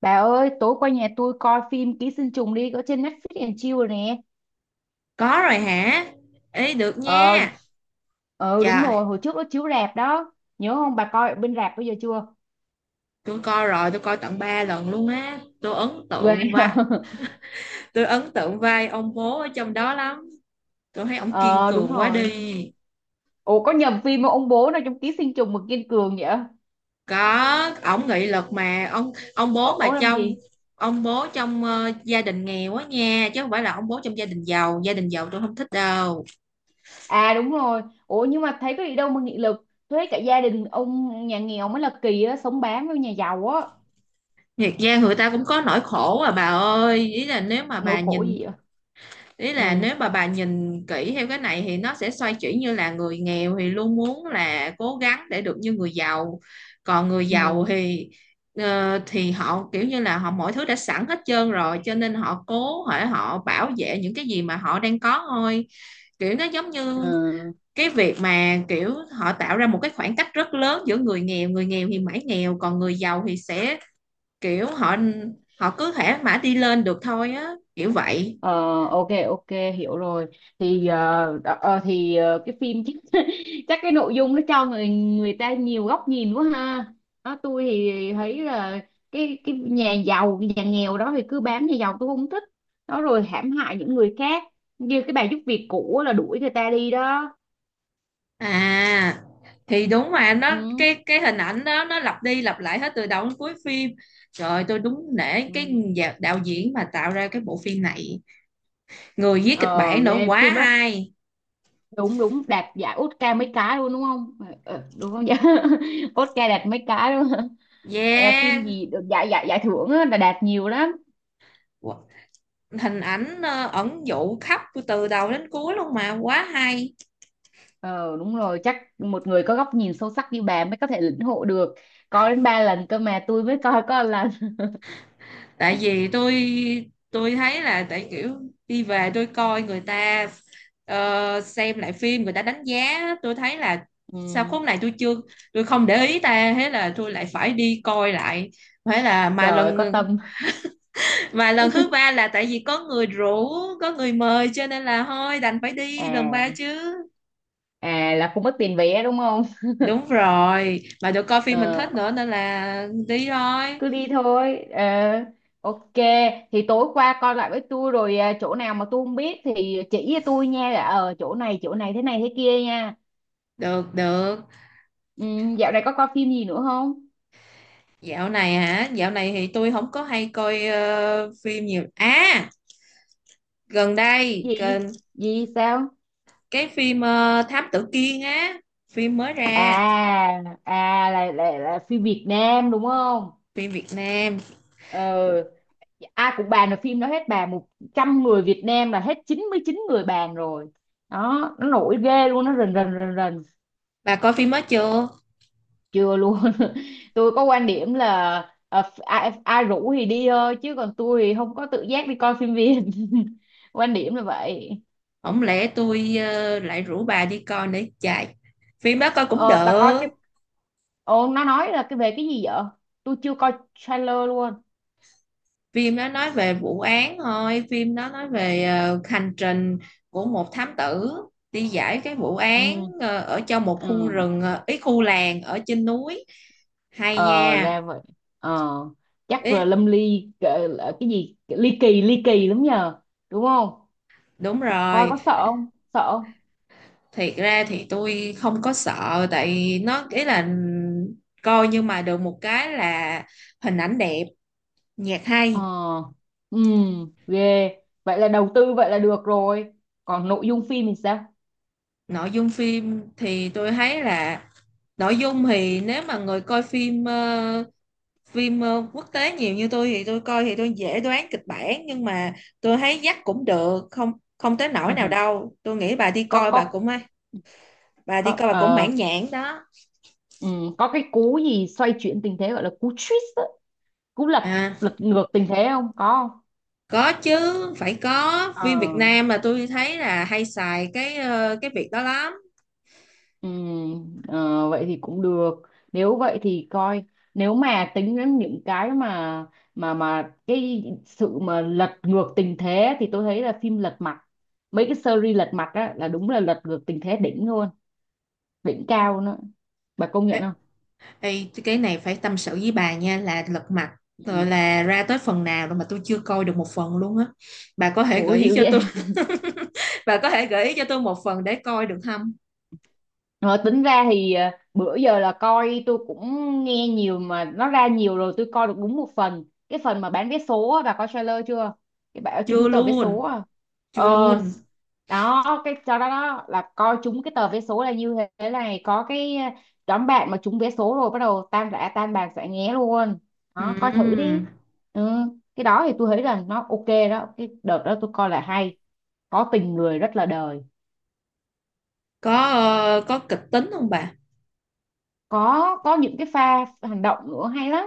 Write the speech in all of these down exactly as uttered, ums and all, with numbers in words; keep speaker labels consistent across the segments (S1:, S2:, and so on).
S1: Bà ơi, tối qua nhà tôi coi phim Ký sinh trùng đi, có trên Netflix and Chill rồi nè.
S2: Có rồi hả? Ý được
S1: Ờ,
S2: nha.
S1: ờ đúng
S2: Trời,
S1: rồi, hồi trước nó chiếu rạp đó. Nhớ không, bà coi ở bên rạp bây giờ chưa?
S2: tôi coi rồi, tôi coi tận ba lần luôn á. Tôi ấn
S1: Ghê.
S2: tượng và tôi ấn tượng vai ông bố ở trong đó lắm. Tôi thấy ông kiên
S1: Ờ, đúng
S2: cường quá
S1: rồi.
S2: đi.
S1: Ủa, có nhầm phim không? Ông bố nào trong Ký sinh trùng mà kiên cường vậy?
S2: Có, ông nghị lực mà ông ông
S1: Ờ,
S2: bố mà
S1: ông làm
S2: trong
S1: gì?
S2: ông bố trong ờ, gia đình nghèo á nha, chứ không phải là ông bố trong gia đình giàu, gia đình giàu tôi không thích đâu.
S1: À đúng rồi. Ủa, nhưng mà thấy có gì đâu mà nghị lực. Thuế cả gia đình ông nhà nghèo mới là kỳ á, sống bám với nhà giàu á.
S2: Thiệt ra người ta cũng có nỗi khổ à bà ơi, ý là nếu mà
S1: Nỗi
S2: bà
S1: khổ
S2: nhìn
S1: gì vậy?
S2: ý là
S1: Ừ,
S2: nếu mà bà nhìn kỹ theo cái này thì nó sẽ xoay chuyển, như là người nghèo thì luôn muốn là cố gắng để được như người giàu, còn người giàu
S1: ừ,
S2: thì ờ, thì họ kiểu như là họ mọi thứ đã sẵn hết trơn rồi, cho nên họ cố hỏi họ bảo vệ những cái gì mà họ đang có thôi, kiểu nó giống như
S1: ừ.
S2: cái việc mà kiểu họ tạo ra một cái khoảng cách rất lớn giữa người nghèo, người nghèo thì mãi nghèo còn người giàu thì sẽ kiểu họ họ cứ thể mãi đi lên được thôi á kiểu vậy.
S1: Ờ, ok ok, hiểu rồi thì ờ, đ- ờ, thì ờ, cái phim chắc chắc cái nội dung nó cho người người ta nhiều góc nhìn quá ha. Đó, tôi thì thấy là cái cái nhà giàu cái nhà nghèo đó thì cứ bám nhà giàu tôi không thích, đó rồi hãm hại những người khác, như cái bà giúp việc cũ á là đuổi người ta đi đó.
S2: À, thì đúng mà nó
S1: Ừ,
S2: cái cái hình ảnh đó nó lặp đi lặp lại hết từ đầu đến cuối phim. Trời ơi, tôi đúng nể cái
S1: ừ.
S2: nhà- đạo diễn mà tạo ra cái bộ phim này. Người viết kịch
S1: ờ
S2: bản nữa
S1: ghê
S2: quá
S1: phim á,
S2: hay.
S1: đúng đúng đạt giải Oscar mấy cái luôn đúng không? Ờ, ờ, đúng không vậy? Oscar đạt mấy cái luôn. Ờ, phim
S2: Yeah.
S1: gì được giải giải giải thưởng á, là đạt nhiều lắm.
S2: Qu- Hình ảnh ờ, ẩn dụ khắp từ đầu đến cuối luôn mà quá hay.
S1: ờ Đúng rồi, chắc một người có góc nhìn sâu sắc như bà mới có thể lĩnh hội được, coi đến ba lần cơ mà tôi mới coi có một lần.
S2: Tại vì tôi tôi thấy là tại kiểu, đi về tôi coi người ta ờ, xem lại phim người ta đánh giá, tôi thấy là sao
S1: Ừ,
S2: khúc này tôi chưa tôi không để ý ta, thế là tôi lại phải đi coi lại. Thế là mà
S1: trời ơi,
S2: lần
S1: có tâm.
S2: Mà lần thứ ba là tại vì có người rủ, có người mời cho nên là thôi đành phải đi lần ba
S1: À,
S2: chứ.
S1: à là không mất tiền vé đúng không?
S2: Đúng rồi mà được coi phim mình
S1: ờ
S2: thích nữa nên là đi thôi.
S1: cứ đi thôi. ờ ok. Thì tối qua coi lại với tôi rồi à, chỗ nào mà tôi không biết thì chỉ cho tôi nha, là ờ chỗ này chỗ này thế này thế kia nha.
S2: Được được.
S1: Ừ, dạo này có coi phim gì nữa không?
S2: Dạo này hả? Dạo này thì tôi không có hay coi ờ, phim nhiều. À, gần đây
S1: Gì?
S2: gần
S1: Gì sao?
S2: cái phim ờ, Thám Tử Kiên á, phim mới ra,
S1: À, à là, là là phim Việt Nam đúng không?
S2: phim Việt Nam.
S1: Ờ, à cũng bàn được phim đó hết, bàn một trăm người Việt Nam là hết chín mươi chín người bàn rồi, đó nó nổi ghê luôn, nó rần rần rần rần.
S2: Bà coi phim mới chưa?
S1: Chưa luôn. Tôi có quan điểm là ờ, ph- ai, ai rủ thì đi thôi, chứ còn tôi thì không có tự giác đi coi phim Việt. Quan điểm là vậy.
S2: Không lẽ tôi ờ, lại rủ bà đi coi nữa chạy. Phim đó coi cũng
S1: ờ bà coi
S2: được.
S1: cái, ồ nó nói là cái về cái gì vậy? Tôi chưa coi trailer luôn.
S2: Phim đó nói về vụ án thôi, phim đó nói về ờ, hành trình của một thám tử đi giải cái vụ án
S1: Ừ,
S2: ờ, ở trong một khu
S1: ừ.
S2: rừng, ờ, ý khu làng ở trên núi. Hay
S1: ờ
S2: nha.
S1: ra vậy. ờ chắc là
S2: Ý,
S1: Lâm Ly cái, cái gì ly kỳ ly kỳ lắm nhờ, đúng không?
S2: đúng
S1: Coi
S2: rồi,
S1: có sợ không, sợ không?
S2: thiệt ra thì tôi không có sợ tại nó ý là, coi nhưng mà được một cái là hình ảnh đẹp, nhạc
S1: ờ
S2: hay,
S1: ừ, ghê, vậy là đầu tư vậy là được rồi, còn nội dung phim thì sao?
S2: nội dung phim thì tôi thấy là nội dung thì nếu mà người coi phim ờ, phim ờ, quốc tế nhiều như tôi thì tôi coi thì tôi dễ đoán kịch bản, nhưng mà tôi thấy dắt cũng được, không không tới nỗi nào đâu. Tôi nghĩ bà đi
S1: có
S2: coi bà
S1: có
S2: cũng bà đi
S1: có
S2: coi bà cũng
S1: ờ,
S2: mãn nhãn đó.
S1: ừ, có cái cú gì xoay chuyển tình thế gọi là cú twist á, cú lật,
S2: À.
S1: lật ngược tình thế không có không?
S2: Có chứ, phải có. Phim
S1: ờ
S2: Việt Nam là tôi thấy là hay xài cái ờ, cái việc đó lắm.
S1: Ừ, ờ, vậy thì cũng được, nếu vậy thì coi, nếu mà tính đến những cái mà mà mà cái sự mà lật ngược tình thế thì tôi thấy là phim lật mặt, mấy cái series lật mặt á là đúng là lật ngược tình thế đỉnh luôn, đỉnh cao nữa, bà công nhận
S2: Ê,
S1: không?
S2: ê, cái này phải tâm sự với bà nha, là lật mặt rồi
S1: Ừ.
S2: là ra tới phần nào rồi mà tôi chưa coi được một phần luôn á. Bà có thể
S1: Ủa
S2: gợi ý
S1: hiểu
S2: cho tôi,
S1: vậy.
S2: bà có thể gợi ý cho tôi một phần để coi được không?
S1: Ờ, tính ra thì ờ, bữa giờ là coi tôi cũng nghe nhiều mà nó ra nhiều rồi tôi coi được đúng một phần, cái phần mà bán vé số á, bà coi trailer chưa? Cái bà ờ,
S2: Chưa
S1: trúng tờ vé số
S2: luôn,
S1: à?
S2: chưa
S1: ờ
S2: luôn.
S1: đó cái cho đó, đó là coi trúng cái tờ vé số là như thế này, có cái ờ, đám bạn mà trúng vé số rồi bắt đầu tan rã tan bàn xả nghé luôn, đó coi thử đi.
S2: Ừm.
S1: Ừ. Cái đó thì tôi thấy là nó ok đó, cái đợt đó tôi coi là hay, có tình người rất là đời.
S2: Có ờ, có kịch tính không bà?
S1: có có những cái pha hành động nữa hay lắm,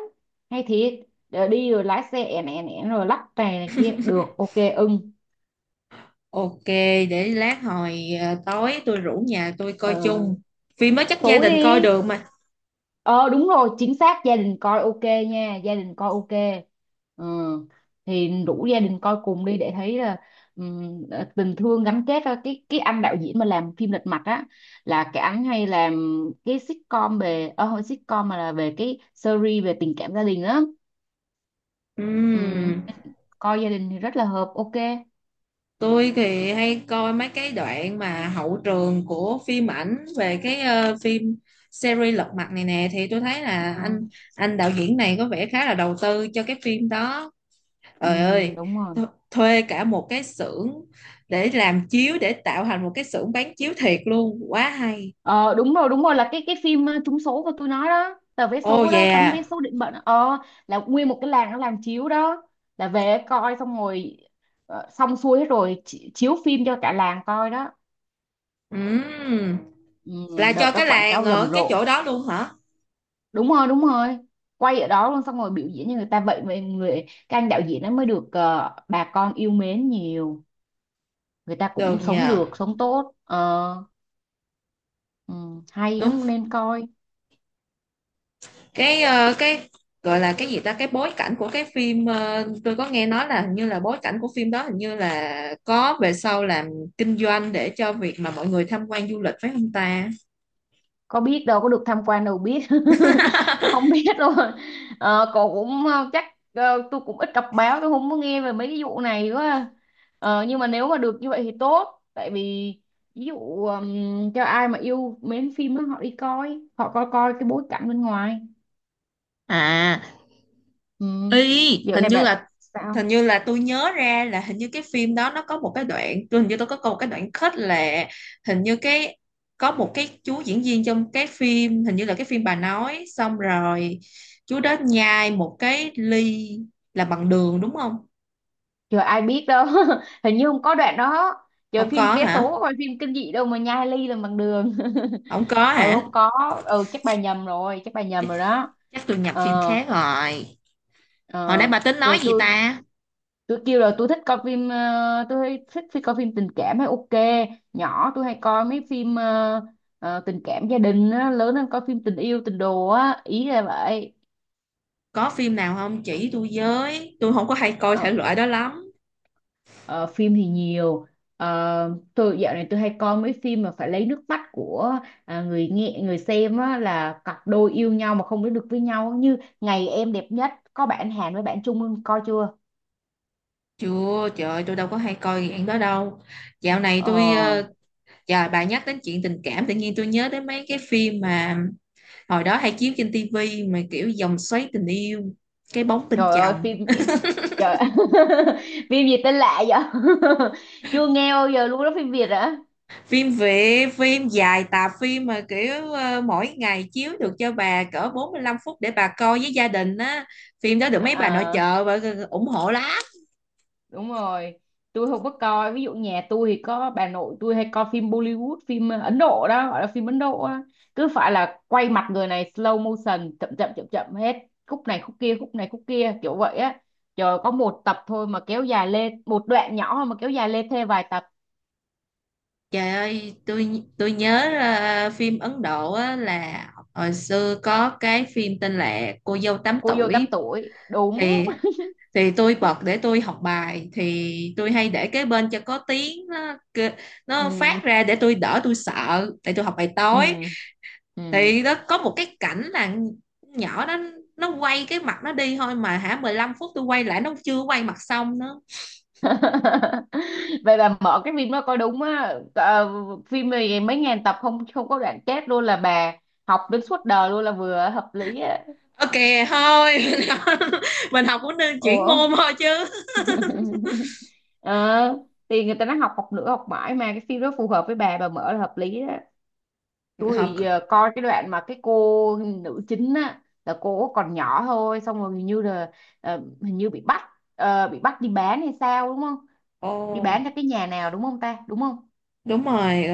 S1: hay thiệt. Để đi rồi lái xe ẻn ẻn ẻn rồi lắc này, này kia, được ok ưng.
S2: Ok, để lát hồi ờ, tối tôi rủ nhà tôi coi
S1: ờ,
S2: chung. Phim mới chắc gia
S1: tối
S2: đình coi
S1: đi.
S2: được mà.
S1: ờ đúng rồi chính xác gia đình coi ok nha, gia đình coi ok. Ừ, thì rủ gia đình coi cùng đi để thấy là ừm, ờ, tình thương gắn kết á. cái cái anh đạo diễn mà làm phim Lật Mặt á là cái anh hay làm cái sitcom về ờ không phải sitcom mà là về cái series về tình cảm gia đình á. Ừ.
S2: Ừm.
S1: Coi gia đình thì rất là hợp ok.
S2: Tôi thì hay coi mấy cái đoạn mà hậu trường của phim ảnh về cái ờ, phim series Lật Mặt này nè, thì tôi thấy là
S1: Ừ,
S2: anh anh đạo diễn này có vẻ khá là đầu tư cho cái phim đó.
S1: ừ.
S2: Trời ơi,
S1: Đúng
S2: th
S1: rồi.
S2: thuê cả một cái xưởng để làm chiếu, để tạo thành một cái xưởng bán chiếu thiệt luôn, quá hay.
S1: ờ đúng rồi đúng rồi, là cái cái phim ờ, trúng số của tôi nói đó, tờ vé
S2: Oh
S1: số đó, tấm vé
S2: yeah.
S1: số định mệnh đó. ờ là nguyên một cái làng nó làm chiếu đó, là về coi xong rồi ờ, xong xuôi hết rồi chi- chiếu phim cho cả làng coi đó.
S2: Ừm,
S1: Ừ,
S2: là
S1: đợt
S2: cho
S1: đó
S2: cái
S1: quảng
S2: làng
S1: cáo rầm
S2: ở cái
S1: rộ,
S2: chỗ đó luôn hả?
S1: đúng rồi đúng rồi, quay ở đó luôn xong rồi biểu diễn cho người ta, vậy mà người cái anh đạo diễn nó mới được ờ, bà con yêu mến nhiều, người ta
S2: Được
S1: cũng sống
S2: nhờ.
S1: được sống tốt. ờ ừ, hay
S2: Đúng,
S1: lắm nên coi.
S2: cái ờ, cái gọi là cái gì ta, cái bối cảnh của cái phim, ờ, tôi có nghe nói là hình như là bối cảnh của phim đó, hình như là có về sau làm kinh doanh để cho việc mà mọi người tham quan du lịch phải không ta?
S1: Có biết đâu có được tham quan đâu biết. Không biết đâu. ờ, cậu cũng ờ, chắc ờ, tôi cũng ít đọc báo tôi không có nghe về mấy cái vụ này quá à. ờ, nhưng mà nếu mà được như vậy thì tốt, tại vì ví dụ ừm, cho ai mà yêu mến phim á, họ đi coi họ coi coi cái bối cảnh bên ngoài.
S2: À,
S1: Ừ.
S2: y
S1: Dạo
S2: hình
S1: này
S2: như
S1: bạn
S2: là
S1: sao?
S2: hình như là tôi nhớ ra là hình như cái phim đó nó có một cái đoạn, tôi hình như tôi có có một cái đoạn kết là, hình như cái, có một cái chú diễn viên trong cái phim, hình như là cái phim bà nói, xong rồi chú đó nhai một cái ly là bằng đường đúng không?
S1: Trời ai biết đâu. Hình như không có đoạn đó, trời
S2: Không
S1: phim
S2: có
S1: vé
S2: hả?
S1: số coi phim kinh dị đâu mà nhai ly làm bằng đường.
S2: Không có
S1: Ừ
S2: hả?
S1: không có. Ừ chắc bà nhầm rồi, chắc bà nhầm
S2: Chắc,
S1: rồi đó.
S2: chắc tôi nhập phim
S1: ờ
S2: khác rồi. Hồi nãy
S1: ờ
S2: bà tính nói
S1: thì
S2: gì
S1: tôi
S2: ta?
S1: tôi kêu là tôi thích coi phim, ờ, tôi hay thích phim coi phim tình cảm hay ok. Nhỏ tôi hay coi mấy phim ờ, ờ, tình cảm gia đình á, lớn hơn coi phim tình yêu tình đồ á, ý là vậy.
S2: Có phim nào không chỉ tôi với, tôi không có hay coi
S1: ờ,
S2: thể loại đó lắm.
S1: ờ, phim thì nhiều. Ờ, tôi dạo này tôi hay coi mấy phim mà phải lấy nước mắt của, à, người nghe người xem á, là cặp đôi yêu nhau mà không đến được với nhau như ngày em đẹp nhất, có bạn Hàn với bạn Trung Hưng, coi chưa?
S2: Chưa, trời ơi, tôi đâu có hay coi dạng đó đâu, dạo này
S1: Ờ,
S2: tôi ờ, trời bà nhắc đến chuyện tình cảm tự nhiên tôi nhớ đến mấy cái phim mà hồi đó hay chiếu trên tivi, mà kiểu vòng xoáy tình yêu, cái bóng bên
S1: trời ơi
S2: chồng.
S1: phim, trời phim gì tên lạ vậy? Chưa nghe bao giờ luôn đó, phim Việt hả?
S2: Phim Việt, phim dài tạp phim mà kiểu ờ, mỗi ngày chiếu được cho bà cỡ bốn lăm phút để bà coi với gia đình á. Phim đó được mấy bà nội
S1: À,
S2: trợ và ủng hộ lắm.
S1: đúng rồi, tôi không có coi, ví dụ nhà tôi thì có bà nội tôi hay coi phim Bollywood, phim ờ, Ấn Độ đó, gọi là phim Ấn Độ á, cứ phải là quay mặt người này slow motion chậm chậm chậm chậm hết, khúc này khúc kia khúc này khúc kia kiểu vậy á. Trời có một tập thôi mà kéo dài lên, một đoạn nhỏ thôi mà kéo dài lên thêm vài tập.
S2: Trời ơi, tôi tôi nhớ ờ, phim Ấn Độ á, là hồi xưa có cái phim tên là Cô dâu tám
S1: Cô dâu tám
S2: tuổi,
S1: tuổi đúng.
S2: thì thì tôi bật để tôi học bài, thì tôi hay để kế bên cho có tiếng nó, kê- nó
S1: Ừ,
S2: phát ra để tôi đỡ tôi sợ để tôi học bài
S1: ừ
S2: tối,
S1: ừ.
S2: thì đó có một cái cảnh là, nhỏ đó nó quay cái mặt nó đi thôi mà hả, mười lăm phút tôi quay lại nó chưa quay mặt xong nữa.
S1: Vậy là mở cái phim đó coi đúng á. Ờ, phim này mấy ngàn tập không không có đoạn chết luôn là bà, học đến suốt đời luôn là vừa hợp lý á.
S2: Ok thôi, mình học cũng nên chuyển
S1: Ủa.
S2: môn thôi chứ.
S1: ờ thì người ta nói học học nữa học mãi mà, cái phim đó phù hợp với bà bà mở là hợp lý á. Tôi thì
S2: Học.
S1: giờ coi cái đoạn mà cái cô nữ chính á là cô còn nhỏ thôi xong rồi hình như là ờ, hình như bị bắt, ờ, bị bắt đi bán hay sao đúng không?
S2: Ồ
S1: Đi
S2: oh,
S1: bán cho cái nhà nào đúng không ta, đúng không?
S2: đúng rồi,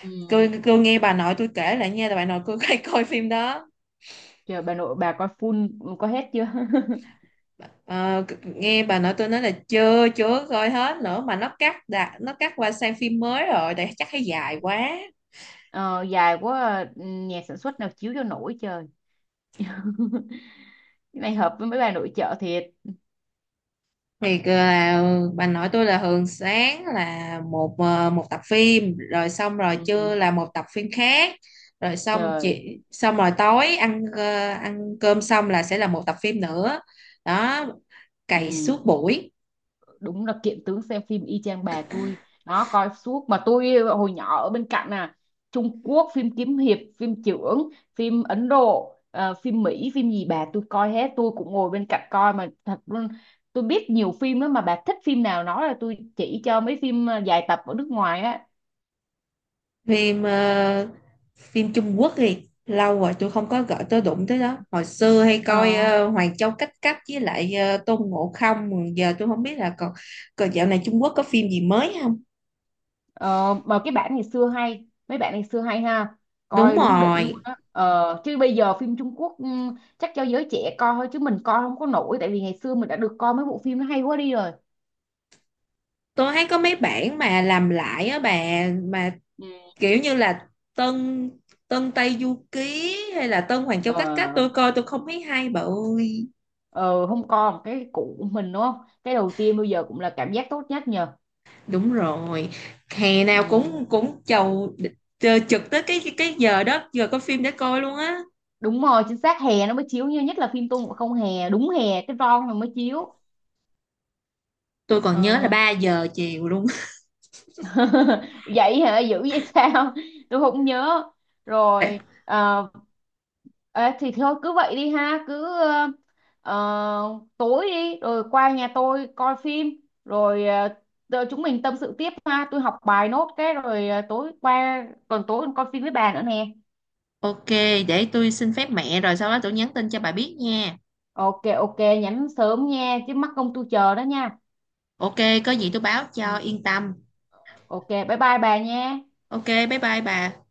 S1: Ừ.
S2: tôi tôi nghe bà nội tôi kể lại nha, bà nội tôi hay coi phim đó.
S1: Trời bà nội bà coi full, có hết chưa?
S2: Ờ, nghe bà nội tôi nói là chưa chưa coi hết nữa, mà nó cắt đã, nó cắt qua sang phim mới rồi, để chắc thấy dài quá.
S1: Ờ, dài quá à, ừ, nhà sản xuất nào chiếu cho nổi trời. Cái này hợp với mấy bà nội trợ thiệt.
S2: Thì là bà nội tôi là thường sáng là một ờ, một tập phim, rồi xong rồi trưa
S1: Ừ.
S2: là một tập phim khác, rồi xong
S1: Trời.
S2: chị xong rồi tối ăn ờ, ăn cơm xong là sẽ là một tập phim nữa, đó, cày
S1: Ừ.
S2: suốt buổi.
S1: Đúng là kiện tướng xem phim y chang bà tôi, nó coi suốt mà tôi hồi nhỏ ở bên cạnh à. Trung Quốc phim kiếm hiệp phim chưởng phim Ấn Độ ờ, phim Mỹ phim gì bà tôi coi hết tôi cũng ngồi bên cạnh coi mà thật luôn. Tôi biết nhiều phim lắm mà, bà thích phim nào nói là tôi chỉ cho, mấy phim ờ, dài tập ở nước ngoài á.
S2: Phim ờ, phim Trung Quốc thì lâu rồi tôi không có gọi tôi đụng tới đó, hồi xưa hay coi
S1: Ờ.
S2: ờ, Hoàng Châu Cách Cách với lại ờ, Tôn Ngộ Không, giờ tôi không biết là còn, còn dạo này Trung Quốc có phim gì mới không.
S1: Ờ, mà cái bản ngày xưa hay mấy bạn ngày xưa hay ha,
S2: Đúng
S1: coi đúng đỉnh luôn
S2: rồi,
S1: á. ờ, chứ bây giờ phim Trung Quốc ừm, chắc cho giới trẻ coi thôi chứ mình coi không có nổi, tại vì ngày xưa mình đã được coi mấy bộ phim nó hay quá đi rồi.
S2: tôi thấy có mấy bản mà làm lại á bà, mà
S1: Ừ.
S2: kiểu như là Tân Tân Tây Du Ký hay là Tân Hoàng Châu Cách Cách,
S1: ờ,
S2: tôi coi tôi không thấy hay bà ơi.
S1: ờ không coi một cái cũ của mình đúng không? Cái đầu tiên bây giờ cũng là cảm giác tốt nhất nhờ.
S2: Đúng rồi, hè nào
S1: Ừ,
S2: cũng cũng chầu chờ trực tới cái cái giờ đó, giờ có phim để coi luôn á.
S1: đúng rồi chính xác, hè nó mới chiếu như nhất là phim Tôn Ngộ Không, hè đúng hè cái ron nó mới chiếu.
S2: Tôi còn nhớ là
S1: Ờ.
S2: ba giờ chiều luôn.
S1: Vậy hả, dữ vậy sao, tôi không nhớ. Rồi ờ, ê, thì thôi cứ vậy đi ha, cứ ờ, ờ, tối đi rồi qua nhà tôi coi phim rồi ờ, rồi chúng mình tâm sự tiếp ha, tôi học bài nốt cái rồi ờ, tối qua còn tối coi phim với bà nữa nè.
S2: Ok, để tôi xin phép mẹ rồi sau đó tôi nhắn tin cho bà biết nha.
S1: Ok ok nhắn sớm nha chứ mắc công tôi chờ đó nha.
S2: Ok, có gì tôi báo cho
S1: Ừ.
S2: yên tâm.
S1: Ok bye bye bà nha.
S2: Ok, bye bye bà.